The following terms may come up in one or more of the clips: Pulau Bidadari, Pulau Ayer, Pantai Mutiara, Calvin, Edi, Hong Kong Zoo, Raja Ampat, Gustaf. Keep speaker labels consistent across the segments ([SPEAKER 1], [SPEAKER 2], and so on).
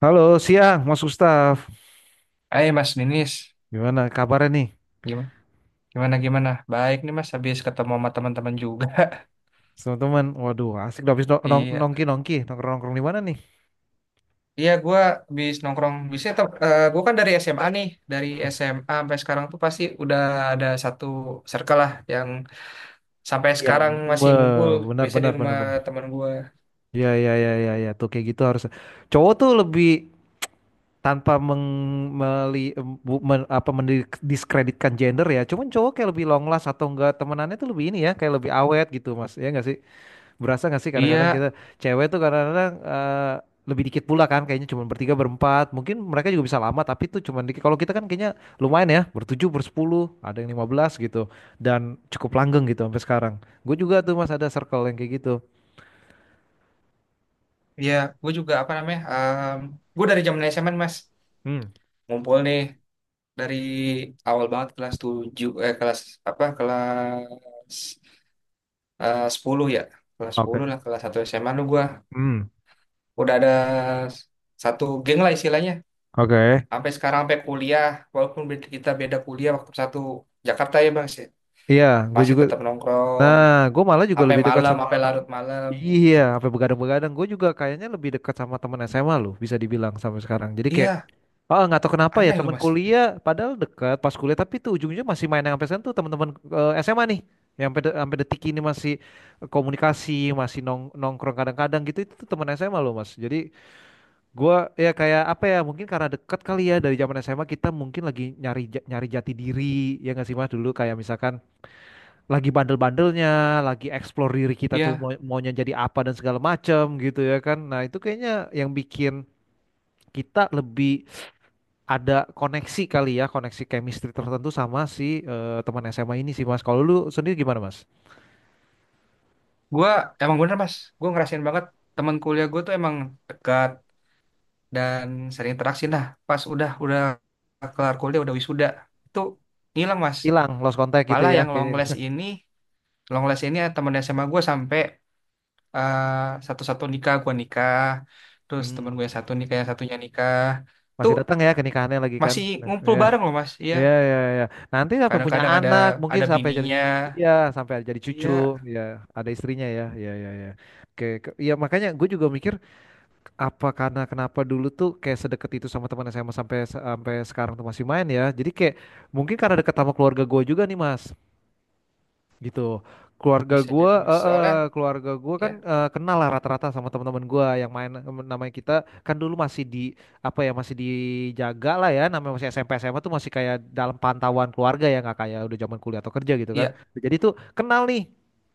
[SPEAKER 1] Halo, siang Mas Gustaf.
[SPEAKER 2] Eh Mas Ninis,
[SPEAKER 1] Gimana kabarnya nih,
[SPEAKER 2] gimana gimana gimana? Baik nih Mas, habis ketemu sama teman-teman juga.
[SPEAKER 1] teman-teman? Waduh, asik dong habis
[SPEAKER 2] Iya,
[SPEAKER 1] nongkrong-nongkrong di mana nih?
[SPEAKER 2] iya, gue habis nongkrong bisa. Gue kan dari SMA nih, dari
[SPEAKER 1] Hmm.
[SPEAKER 2] SMA sampai sekarang tuh pasti udah ada satu circle lah yang sampai
[SPEAKER 1] Iya,
[SPEAKER 2] sekarang masih ngumpul.
[SPEAKER 1] benar
[SPEAKER 2] Biasanya
[SPEAKER 1] benar
[SPEAKER 2] di
[SPEAKER 1] benar
[SPEAKER 2] rumah
[SPEAKER 1] benar.
[SPEAKER 2] teman gue.
[SPEAKER 1] Iya iya iya iya ya. Tuh kayak gitu harus. Cowok tuh lebih tanpa meng meli, bu- men- apa mendiskreditkan gender ya. Cuman cowok kayak lebih long last atau enggak temenannya tuh lebih ini ya, kayak lebih awet gitu, Mas. Ya enggak sih? Berasa gak sih kadang-kadang
[SPEAKER 2] Iya,
[SPEAKER 1] kita cewek tuh kadang-kadang lebih dikit pula kan kayaknya cuma bertiga berempat mungkin mereka juga bisa lama tapi tuh cuma dikit kalau kita kan kayaknya lumayan ya bertujuh bersepuluh ada yang 15 gitu dan cukup langgeng gitu sampai sekarang gue juga tuh mas ada circle yang kayak gitu.
[SPEAKER 2] iya, gue juga apa namanya? Gue dari zaman SMA Mas,
[SPEAKER 1] Hmm.
[SPEAKER 2] ngumpul nih dari awal banget kelas 7, eh kelas apa kelas, eh 10 ya, kelas 10
[SPEAKER 1] Oke.
[SPEAKER 2] lah, kelas 1 SMA lu gua
[SPEAKER 1] Hmm.
[SPEAKER 2] udah ada s- satu geng lah istilahnya,
[SPEAKER 1] Oke.
[SPEAKER 2] sampai sekarang, sampai kuliah, walaupun kita beda kuliah. Waktu satu Jakarta ya bang sih
[SPEAKER 1] Iya gue
[SPEAKER 2] masih
[SPEAKER 1] juga.
[SPEAKER 2] tetap nongkrong
[SPEAKER 1] Nah, gue malah juga
[SPEAKER 2] sampai
[SPEAKER 1] lebih dekat
[SPEAKER 2] malam,
[SPEAKER 1] sama.
[SPEAKER 2] sampai larut malam.
[SPEAKER 1] Iya, sampai begadang-begadang. Gue juga kayaknya lebih dekat sama temen SMA loh, bisa dibilang sampai sekarang. Jadi kayak,
[SPEAKER 2] Iya,
[SPEAKER 1] ah nggak tahu kenapa ya
[SPEAKER 2] aneh loh
[SPEAKER 1] temen
[SPEAKER 2] mas.
[SPEAKER 1] kuliah, padahal dekat pas kuliah, tapi tuh ujungnya masih main yang sampai sekarang tuh teman-teman SMA nih, yang sampai sampai detik ini masih komunikasi, masih nongkrong kadang-kadang gitu. Itu tuh temen SMA loh mas. Jadi gue ya kayak apa ya, mungkin karena dekat kali ya dari zaman SMA kita mungkin lagi nyari nyari jati diri, ya nggak sih mas dulu kayak misalkan lagi bandel-bandelnya, lagi explore diri kita
[SPEAKER 2] Iya,
[SPEAKER 1] tuh mau maunya jadi apa dan segala macam gitu ya kan. Nah, itu kayaknya yang bikin kita lebih ada koneksi kali ya, koneksi chemistry tertentu sama si teman SMA ini sih Mas. Kalau lu sendiri gimana Mas?
[SPEAKER 2] gua emang bener mas, gua ngerasain banget teman kuliah gua tuh emang dekat dan sering interaksi. Nah pas udah kelar kuliah, udah wisuda, itu ngilang mas.
[SPEAKER 1] Hilang, lost contact gitu
[SPEAKER 2] Malah
[SPEAKER 1] ya
[SPEAKER 2] yang long
[SPEAKER 1] kayaknya.
[SPEAKER 2] last ini, long last ini ya, temen SMA gue. Sampai eh, satu-satu nikah, gue nikah, terus
[SPEAKER 1] Hmm.
[SPEAKER 2] temen gue yang satu nikah, yang satunya nikah,
[SPEAKER 1] Masih
[SPEAKER 2] tuh
[SPEAKER 1] datang ya ke nikahannya lagi kan?
[SPEAKER 2] masih
[SPEAKER 1] Nah,
[SPEAKER 2] ngumpul
[SPEAKER 1] ya,
[SPEAKER 2] bareng loh mas. Iya,
[SPEAKER 1] ya, ya, ya. Nanti sampai punya
[SPEAKER 2] kadang-kadang ada
[SPEAKER 1] anak, mungkin sampai jadi,
[SPEAKER 2] bininya.
[SPEAKER 1] iya, sampai jadi cucu,
[SPEAKER 2] Iya,
[SPEAKER 1] ya, ada istrinya ya, ya, ya, ya. Oke, iya makanya gue juga mikir apa karena kenapa dulu tuh kayak sedekat itu sama teman SMA sampai sampai sekarang tuh masih main ya. Jadi kayak mungkin karena deket sama keluarga gue juga nih Mas gitu keluarga
[SPEAKER 2] bisa
[SPEAKER 1] gua
[SPEAKER 2] jadi mas
[SPEAKER 1] eh, eh,
[SPEAKER 2] soalnya.
[SPEAKER 1] keluarga gua
[SPEAKER 2] Ya,
[SPEAKER 1] kan kenal lah rata-rata sama teman-teman gua yang main namanya kita kan dulu masih di apa ya masih dijaga lah ya namanya masih SMP SMA tuh masih kayak dalam pantauan keluarga ya nggak kayak udah zaman kuliah atau kerja gitu kan
[SPEAKER 2] iya,
[SPEAKER 1] jadi tuh kenal nih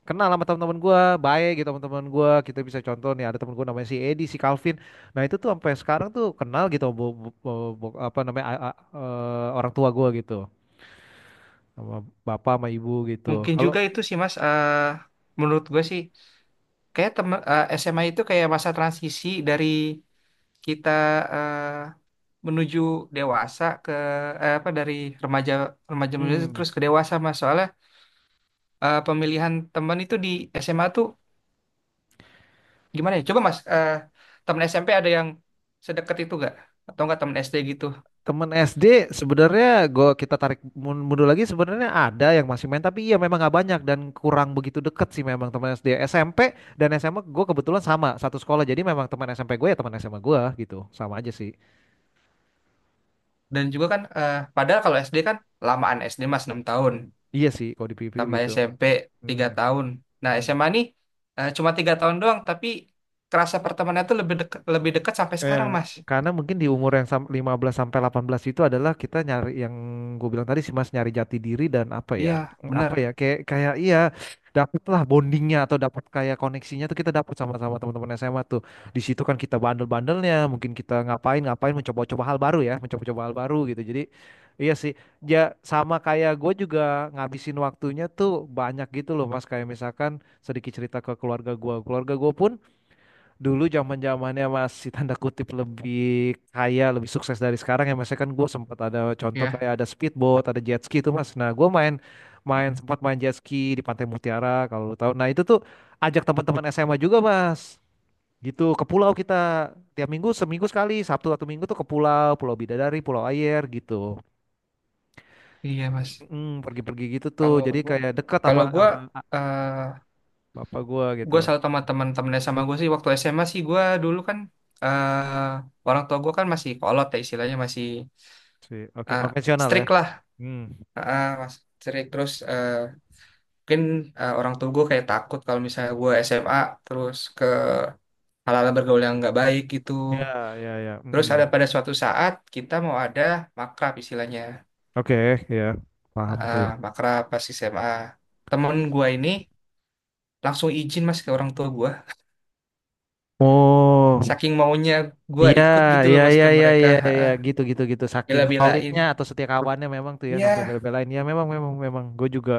[SPEAKER 1] kenal sama teman-teman gua baik gitu teman-teman gua kita bisa contoh nih ada teman gua namanya si Edi si Calvin nah itu tuh sampai sekarang tuh kenal gitu apa namanya orang tua gua gitu sama bapak sama ibu gitu
[SPEAKER 2] mungkin
[SPEAKER 1] kalau
[SPEAKER 2] juga itu sih mas. Eh, menurut gue sih kayak temen, eh, SMA itu kayak masa transisi dari kita, eh, menuju dewasa ke, eh, apa, dari remaja, menuju
[SPEAKER 1] hmm
[SPEAKER 2] terus ke dewasa mas soalnya. Eh, pemilihan teman itu di SMA tuh gimana ya? Coba Mas, eh, teman SMP ada yang sedekat itu gak? Atau enggak teman SD gitu?
[SPEAKER 1] temen SD sebenarnya gua kita tarik mundur lagi sebenarnya ada yang masih main tapi iya memang nggak banyak dan kurang begitu deket sih memang teman SD SMP dan SMA gue kebetulan sama satu sekolah jadi memang teman SMP gue ya teman SMA gue gitu sama aja sih
[SPEAKER 2] Dan juga kan, eh, padahal kalau SD kan lamaan SD Mas, 6 tahun,
[SPEAKER 1] iya sih kalau dipikir
[SPEAKER 2] tambah
[SPEAKER 1] gitu.
[SPEAKER 2] SMP 3
[SPEAKER 1] Hmm.
[SPEAKER 2] tahun. Nah
[SPEAKER 1] Hmm.
[SPEAKER 2] SMA nih eh, cuma tiga tahun doang, tapi kerasa pertemanannya tuh lebih dekat sampai sekarang
[SPEAKER 1] Ya,
[SPEAKER 2] Mas.
[SPEAKER 1] karena mungkin di umur yang 15 sampai 18 itu adalah kita nyari yang gue bilang tadi sih Mas nyari jati diri dan apa
[SPEAKER 2] Iya,
[SPEAKER 1] ya?
[SPEAKER 2] benar.
[SPEAKER 1] Apa ya? Kayak kayak iya dapatlah bondingnya atau dapat kayak koneksinya tuh kita dapat sama-sama teman-teman SMA tuh. Di situ kan kita bandel-bandelnya, mungkin kita ngapain-ngapain mencoba-coba hal baru ya, mencoba-coba hal baru gitu. Jadi iya sih. Ya sama kayak gue juga ngabisin waktunya tuh banyak gitu loh Mas kayak misalkan sedikit cerita ke keluarga gue. Keluarga gue pun dulu zaman zamannya masih tanda kutip lebih kaya, lebih sukses dari sekarang ya mas. Ya kan gue sempat ada contoh
[SPEAKER 2] Iya.
[SPEAKER 1] kayak ada speedboat, ada jet ski itu mas. Nah gue main main
[SPEAKER 2] Mm-mm.
[SPEAKER 1] sempat main jet ski di Pantai Mutiara kalau lu tahu. Nah itu tuh ajak teman-teman SMA juga mas. Gitu ke pulau kita tiap minggu seminggu sekali Sabtu atau Minggu tuh ke pulau Pulau Bidadari, Pulau Ayer gitu.
[SPEAKER 2] Iya Mas.
[SPEAKER 1] Pergi-pergi gitu tuh.
[SPEAKER 2] Kalau
[SPEAKER 1] Jadi
[SPEAKER 2] gua,
[SPEAKER 1] kayak dekat sama
[SPEAKER 2] kalau gua,
[SPEAKER 1] sama bapak gue gitu.
[SPEAKER 2] gue selalu sama teman-teman. Sama gue sih waktu SMA sih gue dulu kan, eh orang tua gue kan masih kolot ya istilahnya, masih
[SPEAKER 1] Sih. Oke
[SPEAKER 2] eh,
[SPEAKER 1] konvensional ya.
[SPEAKER 2] strict lah
[SPEAKER 1] Hmm.
[SPEAKER 2] eh, mas, strict terus eh, mungkin eh, orang tua gue kayak takut kalau misalnya gue SMA terus ke hal-hal bergaul yang nggak baik gitu.
[SPEAKER 1] Ya ya ya.
[SPEAKER 2] Terus ada
[SPEAKER 1] Mm-mm.
[SPEAKER 2] pada suatu saat kita mau ada makrab istilahnya.
[SPEAKER 1] Oke, ya, paham tuh.
[SPEAKER 2] Eh, makrab pas SMA, temen gue ini langsung izin mas ke orang tua gue,
[SPEAKER 1] Oh,
[SPEAKER 2] saking maunya gue
[SPEAKER 1] iya,
[SPEAKER 2] ikut gitu loh
[SPEAKER 1] iya,
[SPEAKER 2] mas
[SPEAKER 1] iya,
[SPEAKER 2] ke
[SPEAKER 1] iya,
[SPEAKER 2] mereka.
[SPEAKER 1] iya,
[SPEAKER 2] Ha,
[SPEAKER 1] iya,
[SPEAKER 2] ah,
[SPEAKER 1] gitu, gitu, gitu. Saking
[SPEAKER 2] bela-belain.
[SPEAKER 1] solidnya atau setiakawannya memang tuh ya sampai
[SPEAKER 2] Iya,
[SPEAKER 1] bela-belain. Ya memang, memang, memang. Gue juga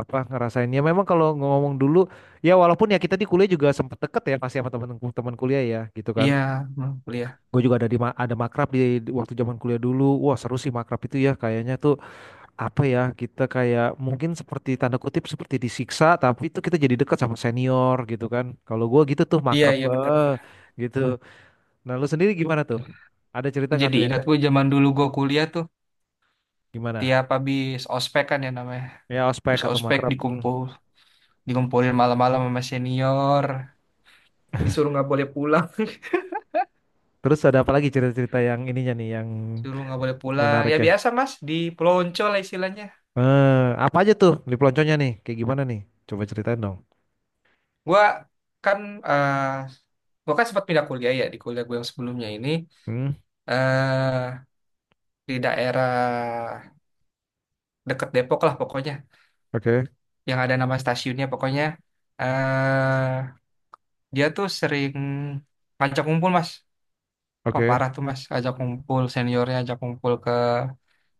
[SPEAKER 1] apa ngerasain ya memang kalau ngomong dulu, ya walaupun ya kita di kuliah juga sempet deket ya pasti sama teman-teman kuliah ya, gitu kan.
[SPEAKER 2] iya, hmm, kuliah.
[SPEAKER 1] Gue juga ada di ada makrab di waktu zaman kuliah dulu. Wah seru sih makrab itu ya. Kayaknya tuh apa ya kita kayak mungkin seperti tanda kutip seperti disiksa tapi itu kita jadi dekat sama senior gitu kan kalau gua gitu tuh
[SPEAKER 2] Iya,
[SPEAKER 1] makrab
[SPEAKER 2] iya, bener-bener.
[SPEAKER 1] gitu nah lu sendiri gimana tuh ada cerita nggak
[SPEAKER 2] Jadi
[SPEAKER 1] tuh yang
[SPEAKER 2] ingat
[SPEAKER 1] kayak
[SPEAKER 2] gue zaman dulu gue kuliah tuh
[SPEAKER 1] gimana
[SPEAKER 2] tiap habis ospek kan ya namanya.
[SPEAKER 1] ya ospek
[SPEAKER 2] Habis
[SPEAKER 1] atau
[SPEAKER 2] ospek
[SPEAKER 1] makrab. Hmm.
[SPEAKER 2] dikumpul, dikumpulin malam-malam sama senior, disuruh nggak boleh pulang,
[SPEAKER 1] Terus ada apa lagi cerita-cerita yang ininya nih yang
[SPEAKER 2] suruh nggak boleh pulang.
[SPEAKER 1] menarik
[SPEAKER 2] Ya
[SPEAKER 1] ya
[SPEAKER 2] biasa Mas, di pelonco lah istilahnya.
[SPEAKER 1] eh, apa aja tuh di pelonconya nih kayak gimana nih coba ceritain dong.
[SPEAKER 2] Gua kan eh gua kan sempat pindah kuliah ya. Di kuliah gue yang sebelumnya ini
[SPEAKER 1] Hmm.
[SPEAKER 2] eh, di daerah deket Depok lah pokoknya,
[SPEAKER 1] Oke.
[SPEAKER 2] yang ada nama stasiunnya pokoknya. Eh, dia tuh sering ngajak kumpul mas. Wah
[SPEAKER 1] Oke.
[SPEAKER 2] parah tuh mas, ajak kumpul seniornya, ajak kumpul ke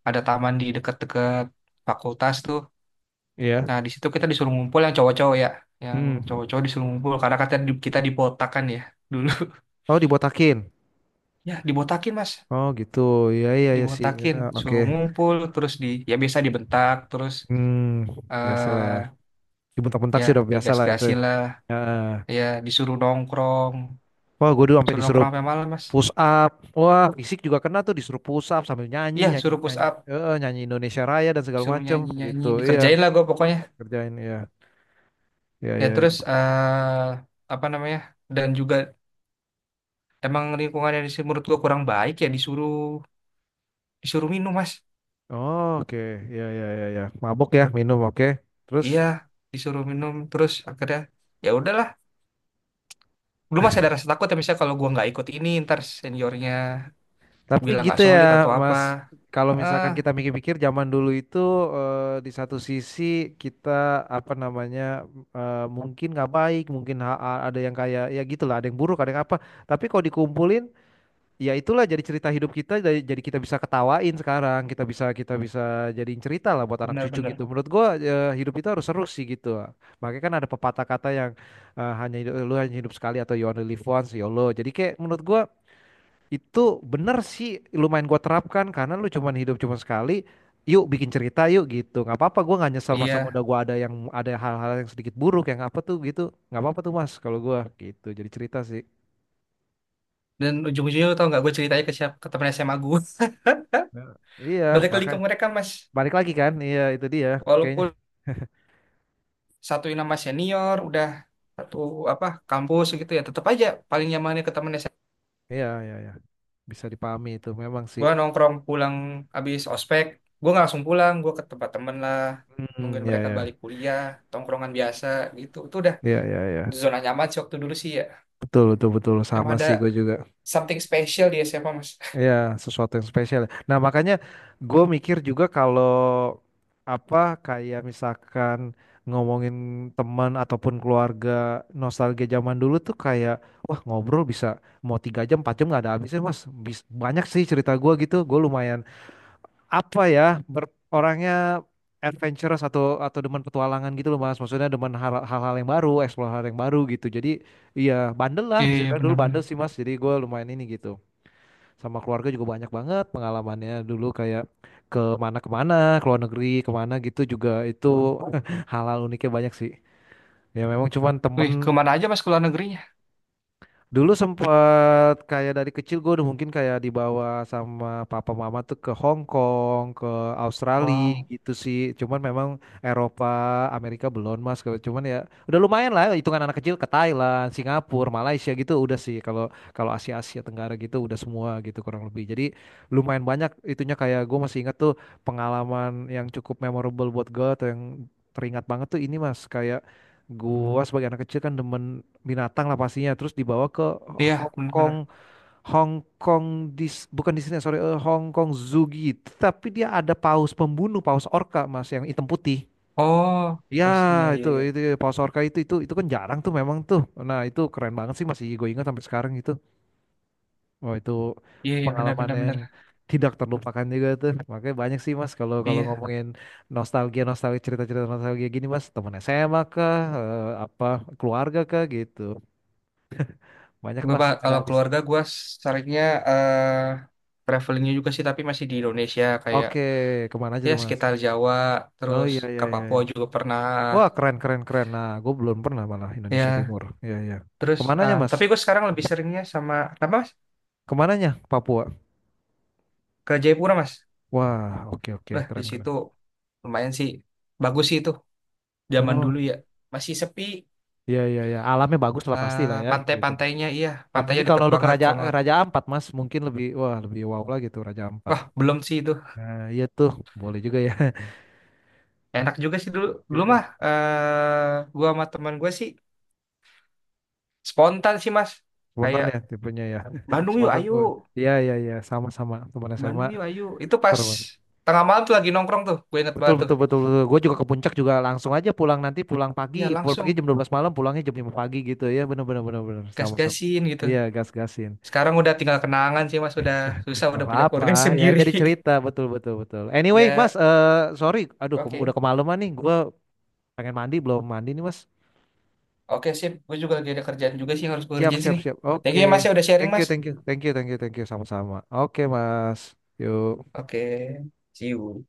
[SPEAKER 2] ada taman di deket-deket fakultas tuh.
[SPEAKER 1] Iya.
[SPEAKER 2] Nah di situ kita disuruh ngumpul yang cowok-cowok ya, yang
[SPEAKER 1] Hmm.
[SPEAKER 2] cowok-cowok disuruh ngumpul karena katanya kita dibotakan ya dulu.
[SPEAKER 1] Oh dibotakin.
[SPEAKER 2] Ya dibotakin mas,
[SPEAKER 1] Oh gitu iya iya iya sih.
[SPEAKER 2] dibotakin,
[SPEAKER 1] Nah, oke.
[SPEAKER 2] suruh ngumpul, terus di ya biasa dibentak terus
[SPEAKER 1] Hmm, biasa lah
[SPEAKER 2] eh,
[SPEAKER 1] ya. Dibentak-bentak
[SPEAKER 2] ya
[SPEAKER 1] sih udah biasa lah itu
[SPEAKER 2] digas-gasin lah,
[SPEAKER 1] ya.
[SPEAKER 2] ya disuruh nongkrong,
[SPEAKER 1] Wah gue dulu sampai
[SPEAKER 2] suruh
[SPEAKER 1] disuruh
[SPEAKER 2] nongkrong sampai malam mas.
[SPEAKER 1] push up. Wah fisik juga kena tuh disuruh push up sambil nyanyi
[SPEAKER 2] Iya,
[SPEAKER 1] nyanyi
[SPEAKER 2] suruh push
[SPEAKER 1] nyanyi
[SPEAKER 2] up,
[SPEAKER 1] nyanyi Indonesia Raya dan segala
[SPEAKER 2] suruh
[SPEAKER 1] macem
[SPEAKER 2] nyanyi-nyanyi,
[SPEAKER 1] gitu iya
[SPEAKER 2] dikerjain lah gue pokoknya.
[SPEAKER 1] kerjain iya iya
[SPEAKER 2] Ya
[SPEAKER 1] iya
[SPEAKER 2] terus
[SPEAKER 1] iya.
[SPEAKER 2] eh, apa namanya? Dan juga emang lingkungan yang di sini menurut gua kurang baik ya, disuruh disuruh minum mas.
[SPEAKER 1] Oh, oke iya iya iya iya mabok ya minum oke terus.
[SPEAKER 2] Iya, disuruh minum terus akhirnya ya udahlah. Dulu masih ada rasa takut ya misalnya kalau gua nggak ikut ini ntar seniornya
[SPEAKER 1] Tapi
[SPEAKER 2] bilang nggak
[SPEAKER 1] gitu
[SPEAKER 2] solid
[SPEAKER 1] ya,
[SPEAKER 2] atau apa.
[SPEAKER 1] Mas. Kalau
[SPEAKER 2] Ah,
[SPEAKER 1] misalkan kita mikir-mikir zaman dulu itu di satu sisi kita apa namanya mungkin nggak baik, mungkin ada yang kayak ya gitulah, ada yang buruk, ada yang apa. Tapi kalau dikumpulin, ya itulah jadi cerita hidup kita, jadi kita bisa ketawain sekarang, kita bisa jadiin cerita lah buat anak cucu gitu.
[SPEAKER 2] benar-benar.
[SPEAKER 1] Menurut gua hidup itu harus seru sih gitu. Makanya kan ada pepatah kata yang hanya hidup, lu hanya hidup sekali atau you only live once, YOLO. Jadi kayak menurut gua itu bener sih lumayan gua terapkan karena lu cuman hidup cuma sekali. Yuk bikin cerita yuk gitu. Nggak apa-apa gua nggak nyesel masa
[SPEAKER 2] Iya,
[SPEAKER 1] muda gua ada yang ada hal-hal yang sedikit buruk yang apa tuh gitu. Nggak apa-apa tuh Mas kalau gua gitu. Jadi cerita sih.
[SPEAKER 2] dan ujung-ujungnya lu tau nggak gue ceritanya ke siapa? Ke temen SMA gue.
[SPEAKER 1] Nah, iya,
[SPEAKER 2] Balik lagi
[SPEAKER 1] maka
[SPEAKER 2] ke mereka mas.
[SPEAKER 1] balik lagi kan. Iya, itu dia kayaknya.
[SPEAKER 2] Walaupun satuin nama senior udah satu apa kampus gitu, ya tetap aja paling nyamannya ke temen
[SPEAKER 1] Iya, iya, iya. Bisa dipahami itu memang sih.
[SPEAKER 2] gue nongkrong. Pulang abis ospek gue nggak langsung pulang, gue ke tempat temen lah,
[SPEAKER 1] Hmm,
[SPEAKER 2] nungguin
[SPEAKER 1] ya,
[SPEAKER 2] mereka balik
[SPEAKER 1] ya,
[SPEAKER 2] kuliah, tongkrongan biasa gitu. Itu udah
[SPEAKER 1] ya, ya, ya.
[SPEAKER 2] zona nyaman sih waktu dulu sih ya.
[SPEAKER 1] Betul, betul, betul.
[SPEAKER 2] Emang
[SPEAKER 1] Sama
[SPEAKER 2] ada
[SPEAKER 1] sih gue juga.
[SPEAKER 2] something special di SMA mas.
[SPEAKER 1] Iya, sesuatu yang spesial. Nah, makanya gue mikir juga kalau apa kayak misalkan ngomongin teman ataupun keluarga nostalgia zaman dulu tuh kayak wah ngobrol bisa mau 3 jam 4 jam nggak ada habisnya mas. Banyak sih cerita gue gitu gue lumayan apa ya orangnya adventurous atau demen petualangan gitu loh mas maksudnya demen hal-hal yang baru explore hal yang baru gitu jadi iya bandel lah
[SPEAKER 2] Iya,
[SPEAKER 1] bisa
[SPEAKER 2] iya,
[SPEAKER 1] bilang dulu
[SPEAKER 2] benar-benar.
[SPEAKER 1] bandel sih mas jadi gue lumayan ini gitu. Sama keluarga juga banyak banget pengalamannya dulu kayak ke mana kemana ke luar negeri kemana gitu juga itu hal-hal uniknya banyak sih ya memang cuman temen.
[SPEAKER 2] Wih, kemana aja mas ke luar negerinya?
[SPEAKER 1] Dulu sempet kayak dari kecil gue udah mungkin kayak dibawa sama papa mama tuh ke Hong Kong, ke Australia
[SPEAKER 2] Wow.
[SPEAKER 1] gitu sih. Cuman memang Eropa, Amerika belum mas. Cuman ya udah lumayan lah hitungan anak kecil ke Thailand, Singapura, Malaysia gitu udah sih. Kalau kalau Asia Asia Tenggara gitu udah semua gitu kurang lebih. Jadi lumayan banyak itunya kayak gue masih ingat tuh pengalaman yang cukup memorable buat gue atau yang teringat banget tuh ini mas kayak gua sebagai anak kecil kan demen binatang lah pastinya terus dibawa ke
[SPEAKER 2] Iya,
[SPEAKER 1] Hong Kong
[SPEAKER 2] benar-benar.
[SPEAKER 1] Hong Kong bukan di sini sorry Hong Kong Zoo gitu tapi dia ada paus pembunuh paus orca mas yang hitam putih
[SPEAKER 2] Oh,
[SPEAKER 1] ya
[SPEAKER 2] I see. Iya, iya, iya.
[SPEAKER 1] itu paus orca itu kan jarang tuh memang tuh nah itu keren banget sih masih gue ingat sampai sekarang gitu wah itu
[SPEAKER 2] Iya, iya,
[SPEAKER 1] pengalaman
[SPEAKER 2] benar-benar,
[SPEAKER 1] yang
[SPEAKER 2] benar. Benar,
[SPEAKER 1] tidak terlupakan juga tuh makanya banyak sih mas kalau
[SPEAKER 2] benar.
[SPEAKER 1] kalau
[SPEAKER 2] Iya.
[SPEAKER 1] ngomongin nostalgia nostalgia cerita-cerita nostalgia gini mas temen SMA kah apa keluarga kah gitu banyak
[SPEAKER 2] Gue,
[SPEAKER 1] mas
[SPEAKER 2] Pak,
[SPEAKER 1] ada
[SPEAKER 2] kalau
[SPEAKER 1] habis.
[SPEAKER 2] keluarga gue seringnya eh, travelingnya juga sih, tapi masih di Indonesia. Kayak
[SPEAKER 1] Oke, kemana aja
[SPEAKER 2] ya
[SPEAKER 1] tuh Mas?
[SPEAKER 2] sekitar Jawa,
[SPEAKER 1] Oh
[SPEAKER 2] terus
[SPEAKER 1] iya iya
[SPEAKER 2] ke
[SPEAKER 1] iya.
[SPEAKER 2] Papua
[SPEAKER 1] Iya.
[SPEAKER 2] juga pernah.
[SPEAKER 1] Wah keren keren keren. Nah, gue belum pernah malah Indonesia
[SPEAKER 2] Ya
[SPEAKER 1] Timur. Iya iya.
[SPEAKER 2] terus
[SPEAKER 1] Kemananya
[SPEAKER 2] ah,
[SPEAKER 1] Mas?
[SPEAKER 2] tapi gue sekarang lebih seringnya sama apa mas.
[SPEAKER 1] Kemananya? Papua.
[SPEAKER 2] Ke Jayapura mas.
[SPEAKER 1] Wah oke oke
[SPEAKER 2] Wah, di
[SPEAKER 1] keren keren.
[SPEAKER 2] situ lumayan sih, bagus sih itu zaman dulu
[SPEAKER 1] Oh
[SPEAKER 2] ya, masih sepi.
[SPEAKER 1] iya iya iya. Alamnya bagus lah pasti
[SPEAKER 2] Ah,
[SPEAKER 1] lah ya gitu.
[SPEAKER 2] pantai-pantainya, iya pantainya
[SPEAKER 1] Apalagi kalau
[SPEAKER 2] deket
[SPEAKER 1] lu ke
[SPEAKER 2] banget
[SPEAKER 1] Raja
[SPEAKER 2] sama.
[SPEAKER 1] Raja Ampat Mas, mungkin lebih wah lebih wow lah gitu Raja Ampat.
[SPEAKER 2] Wah belum sih itu.
[SPEAKER 1] Nah iya tuh boleh juga ya.
[SPEAKER 2] Enak juga sih dulu dulu mah
[SPEAKER 1] Iya.
[SPEAKER 2] eh, gue sama teman gue sih spontan sih mas,
[SPEAKER 1] Spontan
[SPEAKER 2] kayak
[SPEAKER 1] ya tipenya ya.
[SPEAKER 2] Bandung yuk
[SPEAKER 1] Spontan.
[SPEAKER 2] ayo,
[SPEAKER 1] Oh iya iya iya sama sama teman SMA
[SPEAKER 2] Bandung yuk ayo, itu pas
[SPEAKER 1] seru.
[SPEAKER 2] tengah malam tuh lagi nongkrong tuh gue inget
[SPEAKER 1] Betul
[SPEAKER 2] banget tuh.
[SPEAKER 1] betul betul betul. Gue juga ke puncak juga langsung aja pulang nanti
[SPEAKER 2] Iya
[SPEAKER 1] pulang
[SPEAKER 2] langsung
[SPEAKER 1] pagi jam 12 malam, pulangnya jam 5 pagi gitu ya. Bener bener bener bener sama-sama.
[SPEAKER 2] gas-gasin gitu.
[SPEAKER 1] Iya, gas-gasin.
[SPEAKER 2] Sekarang udah tinggal kenangan sih Mas, udah susah,
[SPEAKER 1] Gak
[SPEAKER 2] udah punya
[SPEAKER 1] apa-apa
[SPEAKER 2] keluarga
[SPEAKER 1] ya
[SPEAKER 2] sendiri.
[SPEAKER 1] jadi cerita betul betul betul. Anyway, Mas,
[SPEAKER 2] Ya,
[SPEAKER 1] sorry, aduh udah
[SPEAKER 2] oke.
[SPEAKER 1] kemalaman nih. Gue pengen mandi belum mandi nih, Mas.
[SPEAKER 2] Oke, sip. Gue juga lagi ada kerjaan juga sih yang harus gue
[SPEAKER 1] Siap
[SPEAKER 2] kerjain
[SPEAKER 1] siap
[SPEAKER 2] sini.
[SPEAKER 1] siap.
[SPEAKER 2] Thank
[SPEAKER 1] Oke.
[SPEAKER 2] you ya Mas ya udah sharing
[SPEAKER 1] Thank you
[SPEAKER 2] Mas.
[SPEAKER 1] thank you thank you thank you thank you sama-sama. Oke, Mas. Yuk.
[SPEAKER 2] Oke, see you.